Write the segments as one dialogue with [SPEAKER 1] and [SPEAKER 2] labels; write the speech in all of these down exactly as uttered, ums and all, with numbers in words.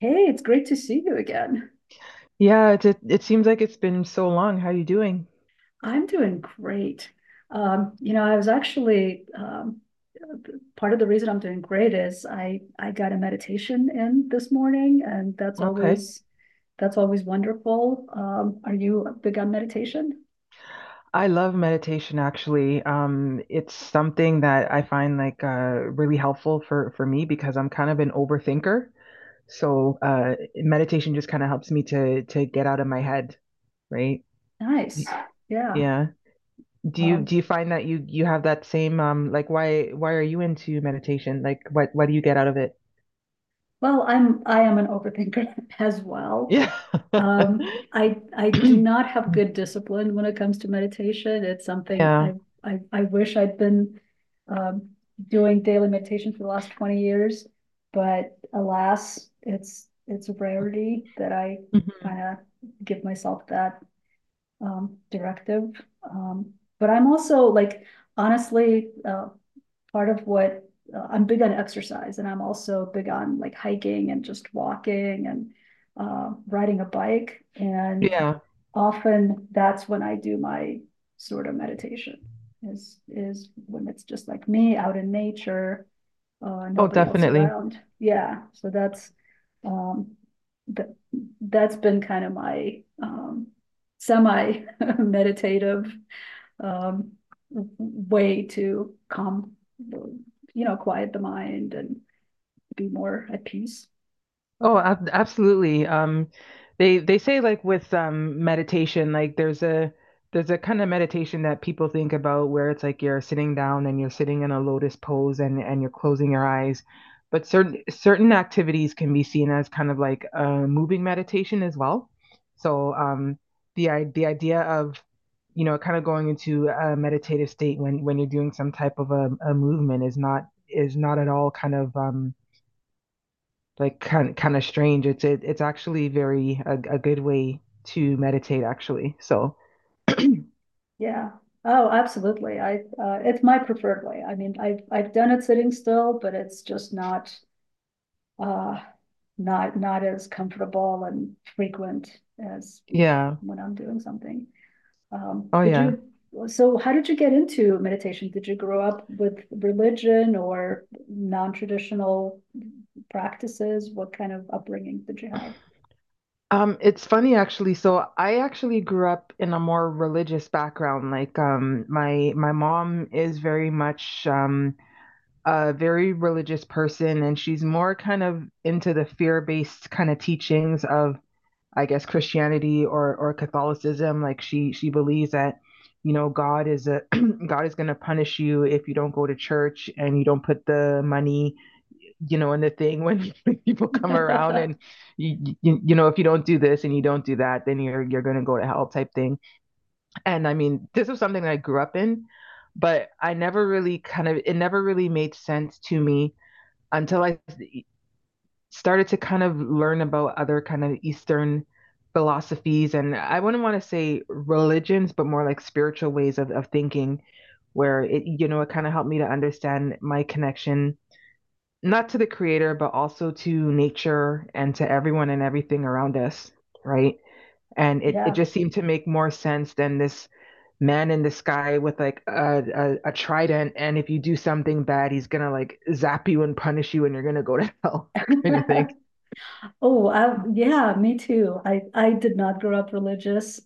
[SPEAKER 1] Hey, it's great to see you again.
[SPEAKER 2] Yeah, it, it it seems like it's been so long. How you doing?
[SPEAKER 1] I'm doing great. Um, you know, I was actually um, part of the reason I'm doing great is I I got a meditation in this morning, and that's
[SPEAKER 2] Okay.
[SPEAKER 1] always that's always wonderful. Um, are you big on meditation?
[SPEAKER 2] I love meditation actually. Um, it's something that I find like uh really helpful for for me because I'm kind of an overthinker. So, uh meditation just kind of helps me to to get out of my head, right?
[SPEAKER 1] Nice.
[SPEAKER 2] Y-
[SPEAKER 1] Yeah.
[SPEAKER 2] Yeah. Do you do
[SPEAKER 1] Um,
[SPEAKER 2] you find that you you have that same um like why why are you into meditation? Like what what do you get out of it?
[SPEAKER 1] well, I'm I am an overthinker as well.
[SPEAKER 2] Yeah.
[SPEAKER 1] Um, I I do not have good discipline when it comes to meditation. It's something
[SPEAKER 2] Yeah.
[SPEAKER 1] I I, I wish I'd been um, doing daily meditation for the last twenty years, but alas, it's it's a rarity that I
[SPEAKER 2] Mhm.
[SPEAKER 1] kind of give myself that um, directive. Um, but I'm also like honestly, uh, part of what uh, I'm big on exercise and I'm also big on like hiking and just walking and uh, riding a bike. And
[SPEAKER 2] Yeah.
[SPEAKER 1] often that's when I do my sort of meditation is is when it's just like me out in nature, uh,
[SPEAKER 2] Oh,
[SPEAKER 1] nobody else
[SPEAKER 2] definitely.
[SPEAKER 1] around. Yeah, so that's um, that that's been kind of my um, semi meditative um, way to calm, you know, quiet the mind and be more at peace.
[SPEAKER 2] Oh, ab absolutely. Um, they they say like with um meditation, like there's a there's a kind of meditation that people think about where it's like you're sitting down and you're sitting in a lotus pose and and you're closing your eyes. But certain certain activities can be seen as kind of like a moving meditation as well. So um the i- the idea of you know kind of going into a meditative state when when you're doing some type of a, a movement is not is not at all kind of um like kind kind of strange. It's it, it's actually very a, a good way to meditate actually. So
[SPEAKER 1] Yeah. Oh, absolutely. I uh, it's my preferred way. I mean, I've I've done it sitting still, but it's just not uh, not not as comfortable and frequent as
[SPEAKER 2] yeah,
[SPEAKER 1] when I'm doing something. Um,
[SPEAKER 2] oh
[SPEAKER 1] did
[SPEAKER 2] yeah.
[SPEAKER 1] you, so how did you get into meditation? Did you grow up with religion or non-traditional practices? What kind of upbringing did you
[SPEAKER 2] Um, it's funny actually. So I actually grew up in a more religious background. Like um, my my mom is very much um, a very religious person, and she's more kind of into the fear based kind of teachings of I guess Christianity or or Catholicism. Like she she believes that you know God is a God is going to punish you if you don't go to church and you don't put the money you know in the thing when people come around
[SPEAKER 1] have?
[SPEAKER 2] and you, you, you know if you don't do this and you don't do that then you're you're going to go to hell type thing. And I mean this was something that I grew up in, but I never really kind of it never really made sense to me until I started to kind of learn about other kind of Eastern philosophies and I wouldn't want to say religions, but more like spiritual ways of, of thinking, where it, you know, it kind of helped me to understand my connection, not to the creator, but also to nature and to everyone and everything around us, right? And it, it
[SPEAKER 1] Yeah.
[SPEAKER 2] just seemed to make more sense than this man in the sky with like a, a, a trident. And if you do something bad, he's gonna like zap you and punish you and you're gonna go to hell kind of thing.
[SPEAKER 1] Oh, I, yeah, me too. I, I did not grow up religious,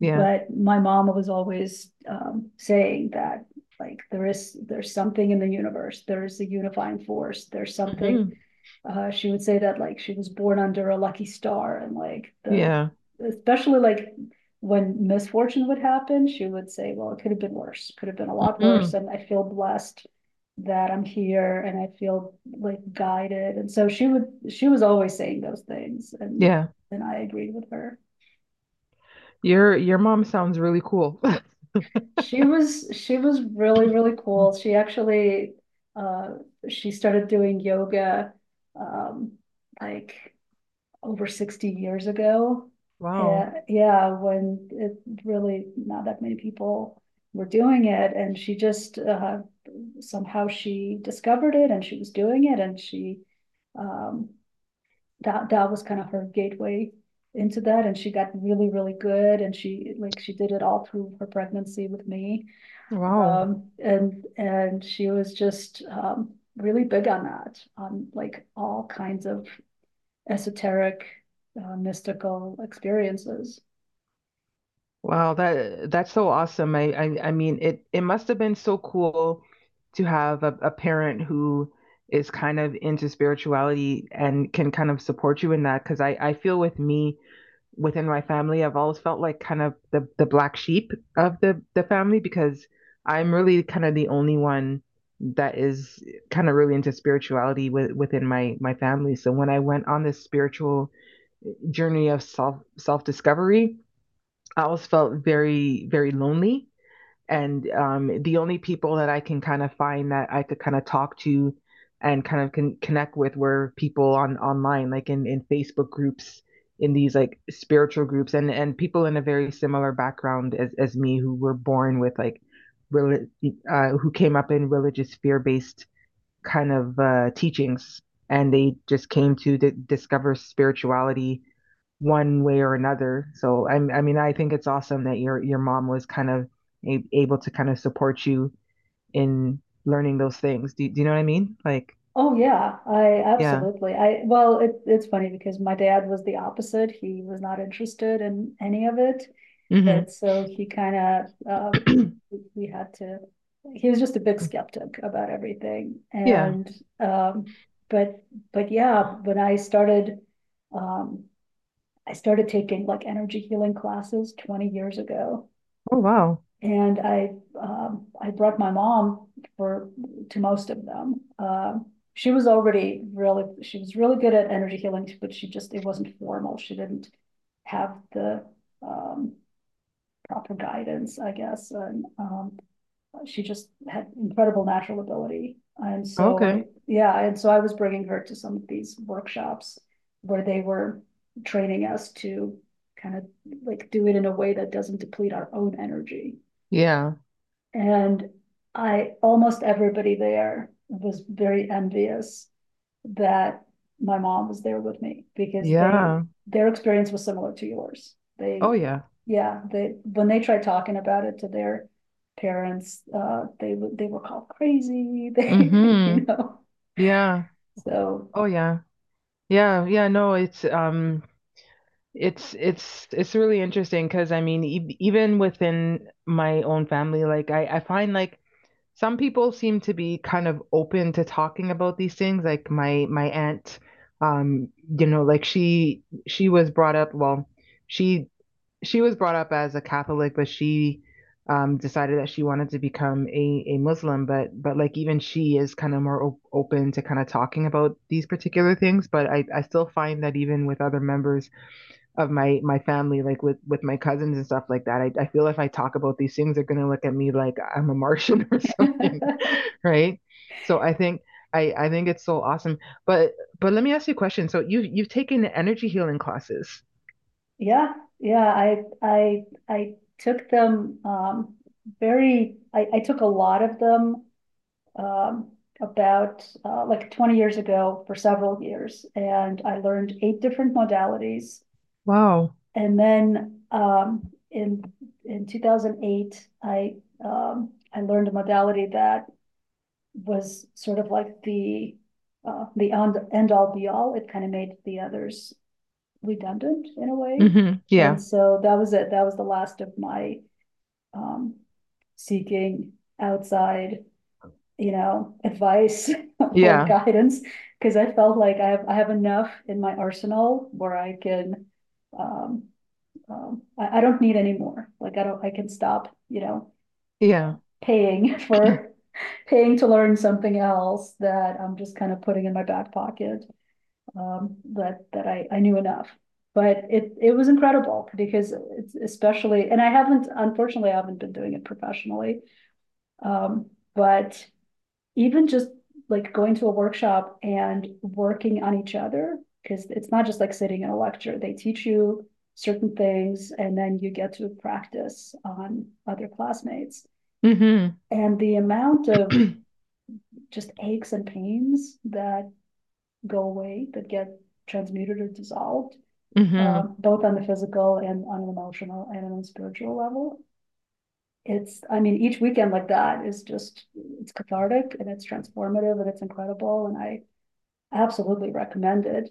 [SPEAKER 2] Yeah.
[SPEAKER 1] but my mom was always um, saying that like there is there's something in the universe. There's a unifying force. There's something.
[SPEAKER 2] Hmm.
[SPEAKER 1] Uh, she would say that like she was born under a lucky star, and like the
[SPEAKER 2] Yeah.
[SPEAKER 1] especially like when misfortune would happen, she would say, "Well, it could have been worse. Could have been a lot worse."
[SPEAKER 2] Hmm.
[SPEAKER 1] And I feel blessed that I'm here and I feel like guided. And so she would she was always saying those things, and
[SPEAKER 2] Yeah.
[SPEAKER 1] and I agreed with her.
[SPEAKER 2] Your your mom sounds really cool.
[SPEAKER 1] She was she was really, really cool. She actually uh she started doing yoga um like over sixty years ago.
[SPEAKER 2] Wow.
[SPEAKER 1] And yeah, when it really not that many people were doing it and she just uh, somehow she discovered it and she was doing it and she um that that was kind of her gateway into that, and she got really, really good, and she like she did it all through her pregnancy with me,
[SPEAKER 2] Wow.
[SPEAKER 1] um and and she was just um really big on that, on like all kinds of esoteric uh, mystical experiences.
[SPEAKER 2] Wow, that that's so awesome. I, I I mean it it must have been so cool to have a, a parent who is kind of into spirituality and can kind of support you in that. Because I, I feel with me within my family, I've always felt like kind of the, the black sheep of the, the family because I'm really kind of the only one that is kind of really into spirituality with, within my my family. So when I went on this spiritual journey of self self discovery, I always felt very, very lonely. And um, the only people that I can kind of find that I could kind of talk to and kind of can connect with were people on online, like in, in Facebook groups, in these like spiritual groups, and and people in a very similar background as as me who were born with like, reli- uh, who came up in religious fear-based kind of uh, teachings, and they just came to d- discover spirituality one way or another. So I, I mean, I think it's awesome that your your mom was kind of a- able to kind of support you in learning those things. Do, do you know what I mean? Like,
[SPEAKER 1] Oh yeah, I
[SPEAKER 2] yeah.
[SPEAKER 1] absolutely, I well it, it's funny because my dad was the opposite. He was not interested in any of it.
[SPEAKER 2] Hmm.
[SPEAKER 1] And so he kind of, uh, we- had to, he was just a big skeptic about everything.
[SPEAKER 2] Yeah.
[SPEAKER 1] And, um, but, but yeah, when I started, um, I started taking like energy healing classes twenty years ago.
[SPEAKER 2] Oh, wow.
[SPEAKER 1] And I, um, I brought my mom for to most of them. Um, she was already really, she was really good at energy healing, but she just, it wasn't formal. She didn't have the, um, proper guidance, I guess, and, um, she just had incredible natural ability. And so
[SPEAKER 2] Okay.
[SPEAKER 1] I, yeah, and so I was bringing her to some of these workshops where they were training us to kind of like do it in a way that doesn't deplete our own energy.
[SPEAKER 2] Yeah.
[SPEAKER 1] And I, almost everybody there was very envious that my mom was there with me because they
[SPEAKER 2] Yeah.
[SPEAKER 1] their experience was similar to yours. They
[SPEAKER 2] Oh, yeah.
[SPEAKER 1] Yeah, they when they tried talking about it to their parents, uh, they they were called crazy. They,
[SPEAKER 2] Hmm.
[SPEAKER 1] you know,
[SPEAKER 2] Yeah.
[SPEAKER 1] so
[SPEAKER 2] Oh, yeah. Yeah. Yeah. No, it's um it's it's it's really interesting because I mean e even within my own family like I I find like some people seem to be kind of open to talking about these things like my my aunt um you know like she she was brought up well she she was brought up as a Catholic but she um decided that she wanted to become a a Muslim but but like even she is kind of more op open to kind of talking about these particular things but I I still find that even with other members of my my family like with with my cousins and stuff like that I, I feel if I talk about these things they're gonna look at me like I'm a martian or something right so I think i I think it's so awesome but but let me ask you a question so you you've taken the energy healing classes
[SPEAKER 1] yeah yeah I I I took them, um, very I, I took a lot of them um, about uh, like twenty years ago for several years, and I learned eight different modalities.
[SPEAKER 2] wow
[SPEAKER 1] And then, um, in, in two thousand eight, I, um, I learned a modality that was sort of like the, uh, the end, end all be all. It kind of made the others redundant in a way.
[SPEAKER 2] hmm
[SPEAKER 1] And
[SPEAKER 2] yeah
[SPEAKER 1] so that was it. That was the last of my, um, seeking outside, you know, advice or
[SPEAKER 2] yeah
[SPEAKER 1] guidance. Cause I felt like I have, I have enough in my arsenal where I can, um, um, I, I don't need any more. Like I don't, I can stop, you know,
[SPEAKER 2] yeah
[SPEAKER 1] paying for, paying to learn something else that I'm just kind of putting in my back pocket. Um, that, that I, I knew enough. But it, it was incredible because it's especially, and I haven't, unfortunately, I haven't been doing it professionally. Um, but even just like going to a workshop and working on each other, because it's not just like sitting in a lecture. They teach you certain things and then you get to practice on other classmates.
[SPEAKER 2] hmm
[SPEAKER 1] And the amount of just aches and pains that go away, that get transmuted or dissolved,
[SPEAKER 2] hmm
[SPEAKER 1] um, both on the physical and on an emotional and on a spiritual level. It's, I mean, each weekend like that is just, it's cathartic and it's transformative and it's incredible. And I, absolutely recommended.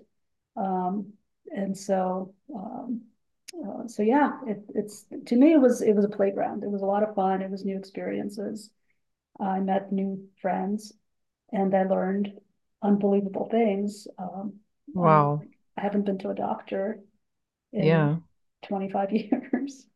[SPEAKER 1] Um, and so, um, uh, so yeah, it, it's, to me, it was, it was a playground. It was a lot of fun. It was new experiences. I met new friends and I learned unbelievable things. Um, I mean,
[SPEAKER 2] wow
[SPEAKER 1] like, I haven't been to a doctor in
[SPEAKER 2] yeah.
[SPEAKER 1] twenty-five years.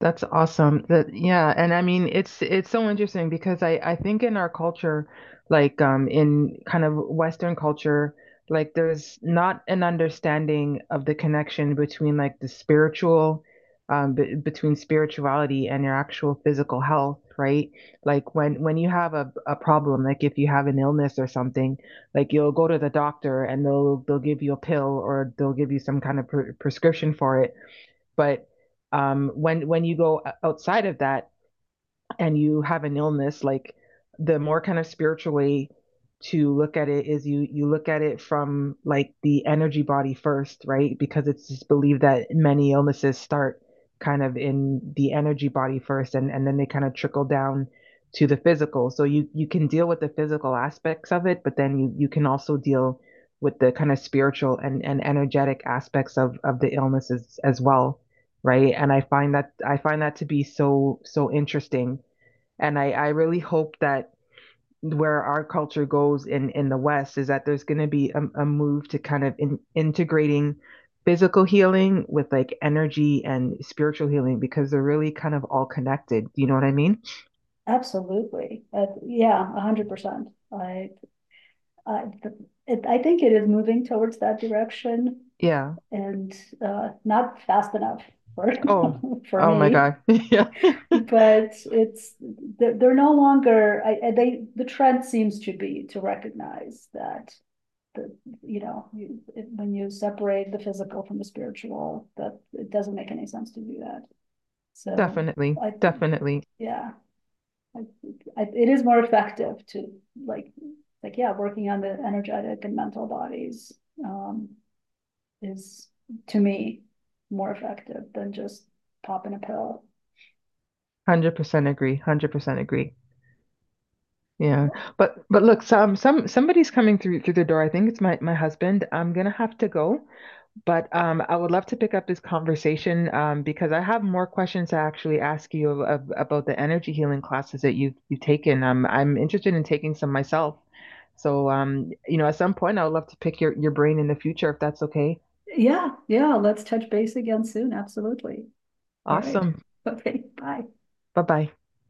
[SPEAKER 2] That's awesome. That yeah, and I mean it's it's so interesting because I I think in our culture, like um in kind of Western culture, like there's not an understanding of the connection between like the spiritual, um b between spirituality and your actual physical health, right? Like when when you have a a problem, like if you have an illness or something, like you'll go to the doctor and they'll they'll give you a pill or they'll give you some kind of pre prescription for it. But um, when when you go outside of that, and you have an illness, like the more kind of spiritual way to look at it is you you look at it from like the energy body first, right? Because it's just believed that many illnesses start kind of in the energy body first and, and then they kind of trickle down to the physical. So you you can deal with the physical aspects of it, but then you you can also deal with the kind of spiritual and, and energetic aspects of, of the illnesses as well. Right. And I find that I find that to be so so interesting and I, I really hope that where our culture goes in in the West is that there's going to be a, a move to kind of in, integrating physical healing with like energy and spiritual healing because they're really kind of all connected. You know what I mean?
[SPEAKER 1] Absolutely. Uh, yeah, one hundred percent. I, I, it, I think it is moving towards that direction.
[SPEAKER 2] Yeah.
[SPEAKER 1] And uh, not fast enough for
[SPEAKER 2] Oh,
[SPEAKER 1] for
[SPEAKER 2] oh my
[SPEAKER 1] me.
[SPEAKER 2] God. Yeah,
[SPEAKER 1] But it's they're, no longer. I, They the trend seems to be to recognize that the you know, you, when you separate the physical from the spiritual, that it doesn't make any sense to do that. So
[SPEAKER 2] definitely,
[SPEAKER 1] I
[SPEAKER 2] definitely, one
[SPEAKER 1] Yeah, I, I, it is more effective to like like yeah, working on the energetic and mental bodies. Um, is, to me, more effective than just popping a pill.
[SPEAKER 2] hundred percent agree, one hundred percent agree. Yeah, but but look, some some somebody's coming through through the door. I think it's my my husband. I'm gonna have to go. But um, I would love to pick up this conversation um, because I have more questions to actually ask you of, of, about the energy healing classes that you've, you've taken. Um, I'm interested in taking some myself. So, um, you know, at some point, I would love to pick your, your brain in the future if that's okay.
[SPEAKER 1] Yeah, yeah, let's touch base again soon, absolutely. All right,
[SPEAKER 2] Awesome.
[SPEAKER 1] okay, bye.
[SPEAKER 2] Bye bye.